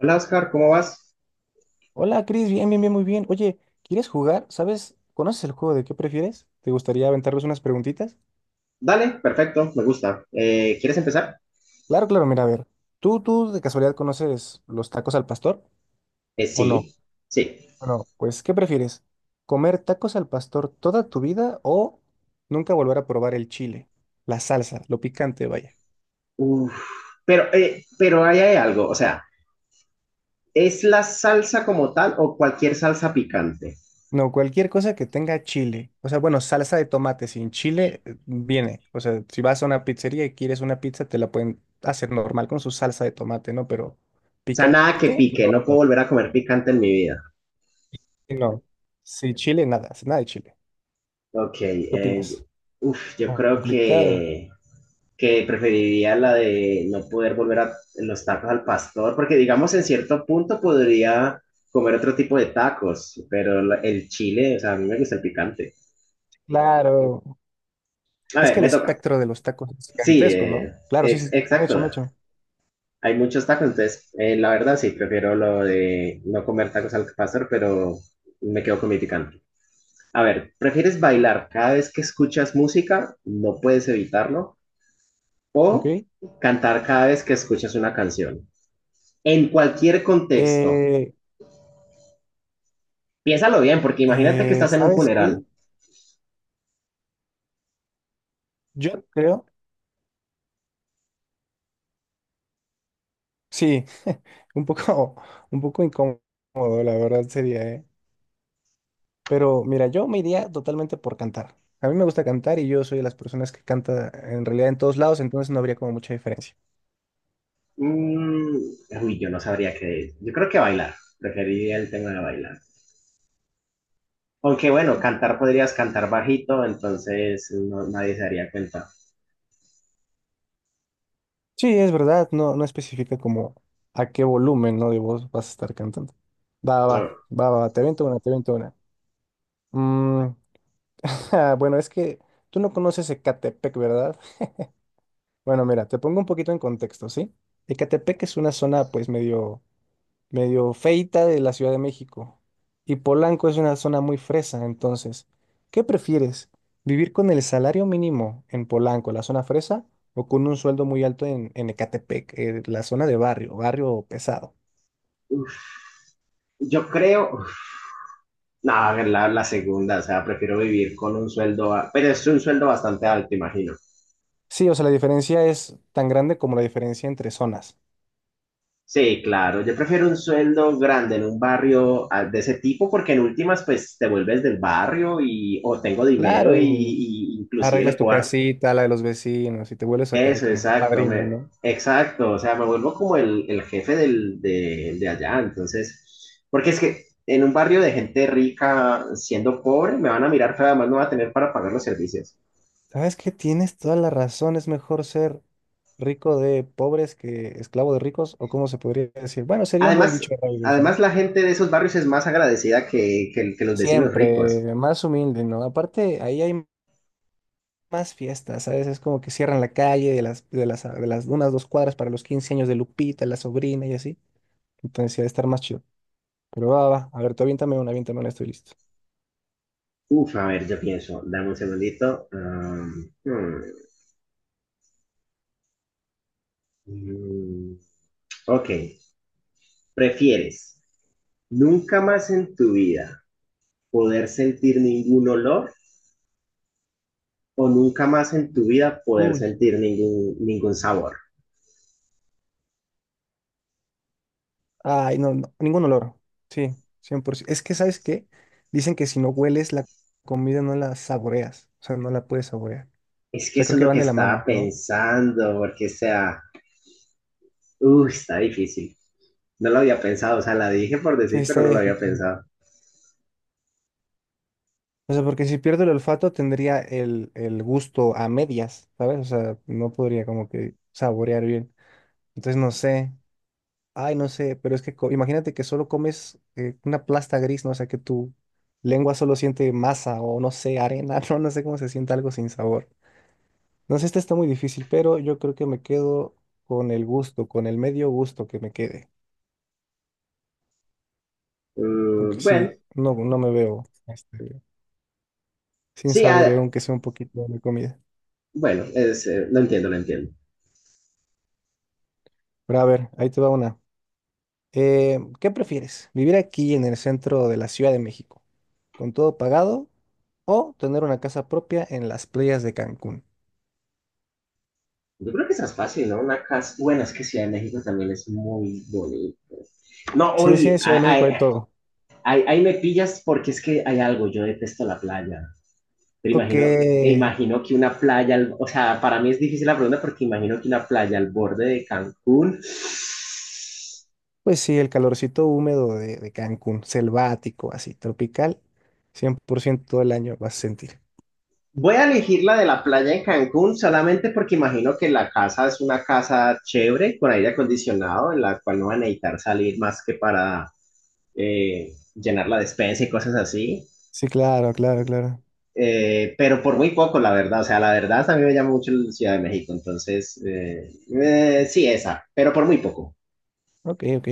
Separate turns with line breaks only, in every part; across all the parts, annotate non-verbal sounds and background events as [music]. Hola Oscar, ¿cómo vas?
Hola, Cris, bien, bien, bien, muy bien. Oye, ¿quieres jugar? ¿Sabes? ¿Conoces el juego de qué prefieres? ¿Te gustaría aventarles unas preguntitas?
Dale, perfecto, me gusta. ¿Quieres empezar?
Claro, claro, mira, a ver. ¿Tú de casualidad conoces los tacos al pastor
Eh,
o no?
sí, Sí.
Bueno, pues, ¿qué prefieres? ¿Comer tacos al pastor toda tu vida o nunca volver a probar el chile, la salsa, lo picante, vaya?
Uf, pero ahí hay algo, o sea, ¿es la salsa como tal o cualquier salsa picante?
No, cualquier cosa que tenga chile. O sea, bueno, salsa de tomate sin chile viene. O sea, si vas a una pizzería y quieres una pizza, te la pueden hacer normal con su salsa de tomate, ¿no? Pero
O sea, nada que
picante, no
pique,
va
no
a
puedo
ser.
volver a comer picante en mi vida.
Sí, no. Sí, chile, nada, nada de chile.
Ok,
¿Qué opinas?
uf, yo creo
Complicado.
que preferiría la de no poder volver a los tacos al pastor, porque digamos en cierto punto podría comer otro tipo de tacos, pero el chile, o sea, a mí me gusta el picante.
Claro.
A
Es
ver,
que el
me toca.
espectro de los tacos es
Sí,
gigantesco, ¿no? Claro, sí, sí, sí. Échame,
exacto.
échame, échame.
Hay muchos tacos, entonces, la verdad sí, prefiero lo de no comer tacos al pastor, pero me quedo con mi picante. A ver, ¿prefieres bailar cada vez que escuchas música? No puedes evitarlo.
Ok.
¿O cantar cada vez que escuchas una canción? En cualquier contexto.
Eh,
Piénsalo bien, porque imagínate que estás en un
¿Sabes qué?
funeral.
Yo creo. Sí, [laughs] un poco, un poco incómodo, la verdad sería, ¿eh? Pero mira, yo me iría totalmente por cantar. A mí me gusta cantar y yo soy de las personas que canta en realidad en todos lados, entonces no habría como mucha diferencia.
Mm, uy, yo no sabría qué. Yo creo que bailar. Preferiría el tema de bailar. Aunque bueno, cantar podrías cantar bajito, entonces nadie se daría cuenta.
Sí, es verdad, no especifica como a qué volumen, ¿no?, de voz vas a estar cantando. Va, va,
Bueno,
va, va, te avento una, te avento una. Mm, [laughs] ja, bueno, es que tú no conoces Ecatepec, ¿verdad? Bueno, mira, te pongo un poquito en contexto, ¿sí? Ecatepec es una zona pues medio medio feita de la Ciudad de México. Y Polanco es una zona muy fresa, entonces, ¿qué prefieres? ¿Vivir con el salario mínimo en Polanco, la zona fresa, o con un sueldo muy alto en Ecatepec, la zona de barrio, barrio pesado?
uf, yo creo, uf, no, la segunda, o sea, prefiero vivir con un sueldo, pero es un sueldo bastante alto, imagino.
Sí, o sea, la diferencia es tan grande como la diferencia entre zonas.
Sí, claro, yo prefiero un sueldo grande en un barrio de ese tipo, porque en últimas, pues te vuelves del barrio y o tengo dinero y,
Claro, y
y inclusive le
arreglas tu
puedo dar.
casita, la de los vecinos, y te vuelves acá
Eso,
como un
exacto,
padrino, ¿no?
exacto, o sea, me vuelvo como el jefe de allá, entonces, porque es que en un barrio de gente rica, siendo pobre, me van a mirar feo, además no va a tener para pagar los servicios.
Sabes que tienes toda la razón, es mejor ser rico de pobres que esclavo de ricos, o cómo se podría decir. Bueno, sería un buen
Además,
dicho de eso, ¿no?
además, la gente de esos barrios es más agradecida que los vecinos ricos.
Siempre más humilde, ¿no? Aparte, ahí hay más fiestas, ¿sabes? Es como que cierran la calle de las unas 2 cuadras para los 15 años de Lupita, la sobrina y así. Entonces, sí, ha de estar más chido. Pero va, va, va. A ver, tú aviéntame una, estoy listo.
Uf, a ver, yo pienso, dame un segundito. Mm, ok, ¿prefieres nunca más en tu vida poder sentir ningún olor o nunca más en tu vida poder
Uy.
sentir ningún sabor?
Ay, no, no, ningún olor. Sí, 100%. Es que, ¿sabes qué? Dicen que si no hueles la comida no la saboreas, o sea, no la puedes saborear. O
Es que
sea,
eso
creo
es
que
lo
van
que
de la
estaba
mano, ¿no?
pensando, porque o sea, está difícil. No lo había pensado, o sea, la dije por
Sí,
decir,
está
pero no lo había
difícil.
pensado.
O sea, porque si pierdo el olfato tendría el gusto a medias, ¿sabes? O sea, no podría como que saborear bien. Entonces, no sé. Ay, no sé, pero es que imagínate que solo comes una plasta gris, ¿no? O sea, que tu lengua solo siente masa o no sé, arena, [laughs] no, no sé cómo se siente algo sin sabor. No sé, esta está muy difícil, pero yo creo que me quedo con el gusto, con el medio gusto que me quede, porque
Mm, bueno,
sí, no, no me veo sin
sí,
saborear aunque sea un poquito de mi comida.
bueno, lo entiendo, lo entiendo.
Pero a ver, ahí te va una. ¿Qué prefieres? ¿Vivir aquí en el centro de la Ciudad de México, con todo pagado, o tener una casa propia en las playas de Cancún?
Yo creo que esa es fácil, ¿no? Una casa, bueno, es que Ciudad de México también es muy bonito. No,
Sí, sí,
oye,
en Ciudad de México hay todo.
ahí me pillas porque es que hay algo, yo detesto la playa. Pero
Ok.
imagino, e imagino que una playa, o sea, para mí es difícil la pregunta porque imagino que una playa al borde de Cancún.
Pues sí, el calorcito húmedo de Cancún, selvático, así, tropical, 100% todo el año vas a sentir.
Voy a elegir la de la playa en Cancún solamente porque imagino que la casa es una casa chévere, con aire acondicionado, en la cual no van a necesitar salir más que para llenar la despensa y cosas así.
Sí, claro, claro, claro.
Pero por muy poco, la verdad. O sea, la verdad, a mí me llama mucho la Ciudad de México. Entonces, sí, esa, pero por muy poco.
Ok, ok,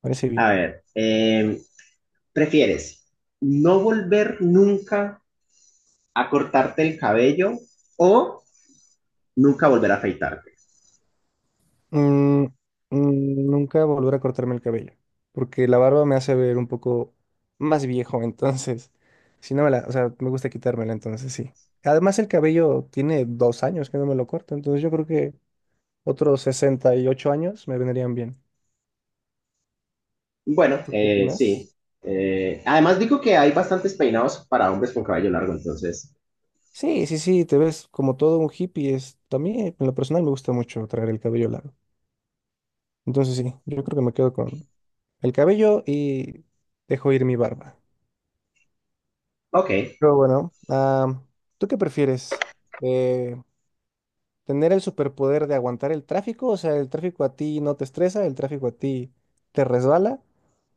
parece
A
bien.
ver, ¿prefieres no volver nunca a cortarte el cabello o nunca volver a afeitarte?
Mm, nunca volver a cortarme el cabello, porque la barba me hace ver un poco más viejo, entonces, si no me la, o sea, me gusta quitármela, entonces sí. Además, el cabello tiene 2 años que no me lo corto, entonces yo creo que otros 68 años me vendrían bien.
Bueno,
¿Tú qué opinas?
sí. Además, digo que hay bastantes peinados para hombres con cabello largo, entonces,
Sí, sí, sí, te ves como todo un hippie. Es, también, en lo personal, me gusta mucho traer el cabello largo. Entonces, sí, yo creo que me quedo con el cabello y dejo ir mi barba.
ok.
Pero bueno, ¿tú qué prefieres? Eh, ¿Tener el superpoder de aguantar el tráfico? O sea, el tráfico a ti no te estresa, el tráfico a ti te resbala.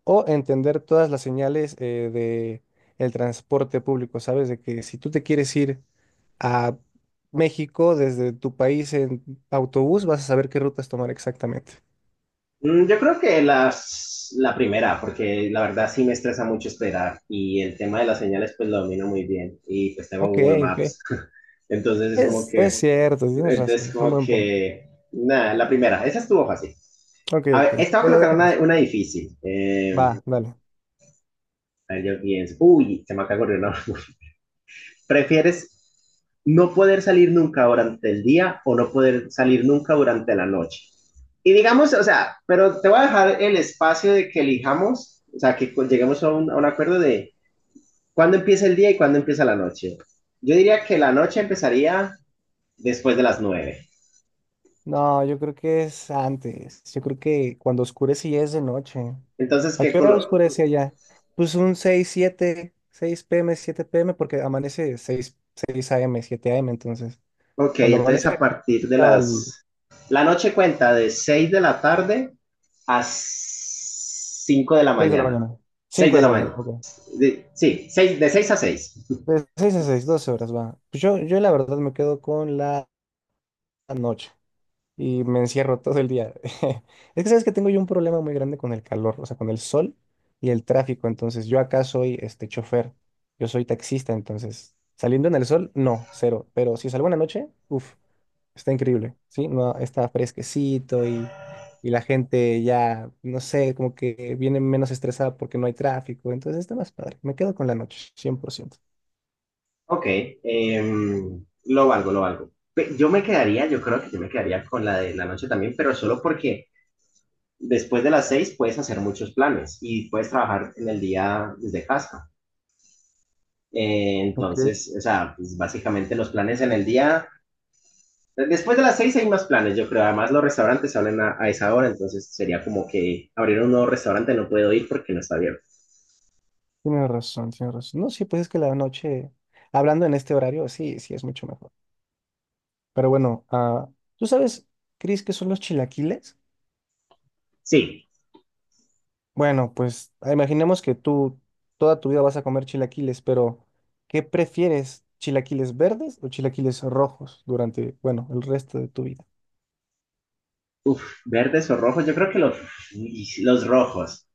¿O entender todas las señales de el transporte público? ¿Sabes? De que si tú te quieres ir a México desde tu país en autobús, vas a saber qué rutas tomar exactamente.
Mm. Yo creo que la primera, porque la verdad sí me estresa mucho esperar y el tema de las señales pues lo domino muy bien y pues tengo
Ok,
Google
ok.
Maps, [laughs] entonces es como
Es
que,
cierto, tienes
entonces
razón, es un
como
buen punto.
que, nada, la primera, esa estuvo fácil.
Ok,
A ver,
ok.
esta va a
Ya la
colocar
dejé pues.
una difícil. Eh,
Va, dale.
a ver, yo pienso. Uy, se me acaba de ocurrir, ¿no? [laughs] ¿Prefieres no poder salir nunca durante el día o no poder salir nunca durante la noche? Y digamos, o sea, pero te voy a dejar el espacio de que elijamos, o sea, que lleguemos a a un acuerdo de cuándo empieza el día y cuándo empieza la noche. Yo diría que la noche empezaría después de las 9.
No, yo creo que es antes. Yo creo que cuando oscurece ya es de noche.
Entonces,
¿A
¿qué
qué hora
color?
oscurece allá? Pues un 6 7, 6 pm, 7 pm, porque amanece 6, 6 am, 7 am, entonces.
Ok,
Cuando
entonces a
amanece
partir de
acaba el
las... La noche cuenta de 6 de la tarde a 5 de la
6 de la
mañana.
mañana.
6
cinco
de
de
la
la mañana,
mañana.
ok.
Sí, 6, de 6 a 6.
De 6 a 6, 12 horas va. Pues yo la verdad me quedo con la noche y me encierro [laughs] todo el día. [laughs] Es que sabes que tengo yo un problema muy grande con el calor, o sea, con el sol y el tráfico. Entonces, yo acá soy este chofer, yo soy taxista, entonces, saliendo en el sol, no, cero. Pero si salgo en la noche, uff, está increíble, ¿sí? No, está fresquecito y la gente ya, no sé, como que viene menos estresada porque no hay tráfico. Entonces, está más padre. Me quedo con la noche, 100%.
Ok, lo valgo, lo valgo. Yo me quedaría, yo creo que yo me quedaría con la de la noche también, pero solo porque después de las 6 puedes hacer muchos planes y puedes trabajar en el día desde casa. Entonces, o sea, pues básicamente los planes en el día, después de las 6 hay más planes, yo creo. Además, los restaurantes salen a esa hora, entonces sería como que abrir un nuevo restaurante no puedo ir porque no está abierto.
Tienes razón, tienes razón. No, sí, pues es que la noche, hablando en este horario, sí, sí, es mucho mejor. Pero bueno, ¿tú sabes, Cris, qué son los chilaquiles?
Sí,
Bueno, pues imaginemos que tú toda tu vida vas a comer chilaquiles, pero ¿qué prefieres? ¿Chilaquiles verdes o chilaquiles rojos durante, bueno, el resto de tu vida?
uf, verdes o rojos, yo creo que los rojos.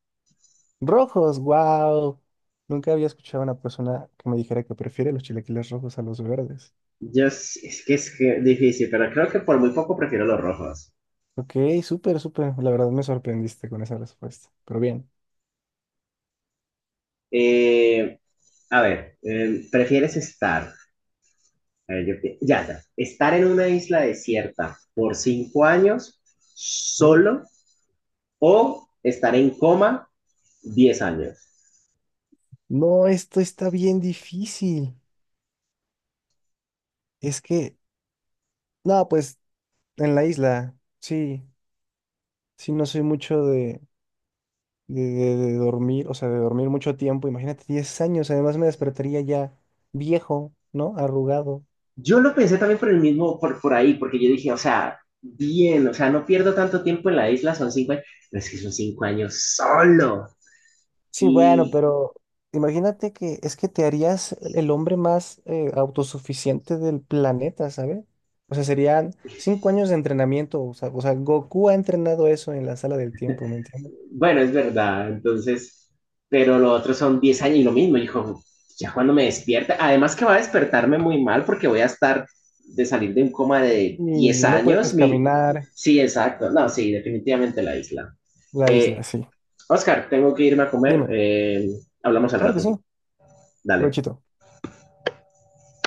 Rojos, wow. Nunca había escuchado a una persona que me dijera que prefiere los chilaquiles rojos a los verdes.
Yo, s- es que difícil, pero creo que por muy poco prefiero los rojos.
Ok, súper, súper. La verdad me sorprendiste con esa respuesta. Pero bien.
Eh, a ver, ¿prefieres estar, a ver, yo pi- ya, ya, estar en una isla desierta por 5 años solo o estar en coma 10 años?
No, esto está bien difícil. Es que, no, pues en la isla, sí, sí, no soy mucho de, de dormir, o sea, de dormir mucho tiempo. Imagínate, 10 años, además me despertaría ya viejo, ¿no? Arrugado.
Yo lo pensé también por el mismo, por ahí, porque yo dije, o sea, bien, o sea, no pierdo tanto tiempo en la isla, son 5 años, pero es que son 5 años solo.
Sí, bueno,
Y
pero imagínate que es que te harías el hombre más autosuficiente del planeta, ¿sabes? O sea, serían 5 años de entrenamiento, o sea, Goku ha entrenado eso en la sala del tiempo, ¿me entiendes?
bueno, es verdad, entonces, pero lo otro son 10 años y lo mismo, hijo, ya cuando me despierta, además que va a despertarme muy mal porque voy a estar de salir de un coma de
Y
10
no
años,
puedes
mi...
caminar.
Sí, exacto, no, sí, definitivamente la isla.
La isla,
Eh,
sí.
Oscar, tengo que irme a comer,
Dime.
hablamos al
Claro que
rato,
sí,
dale.
provechito.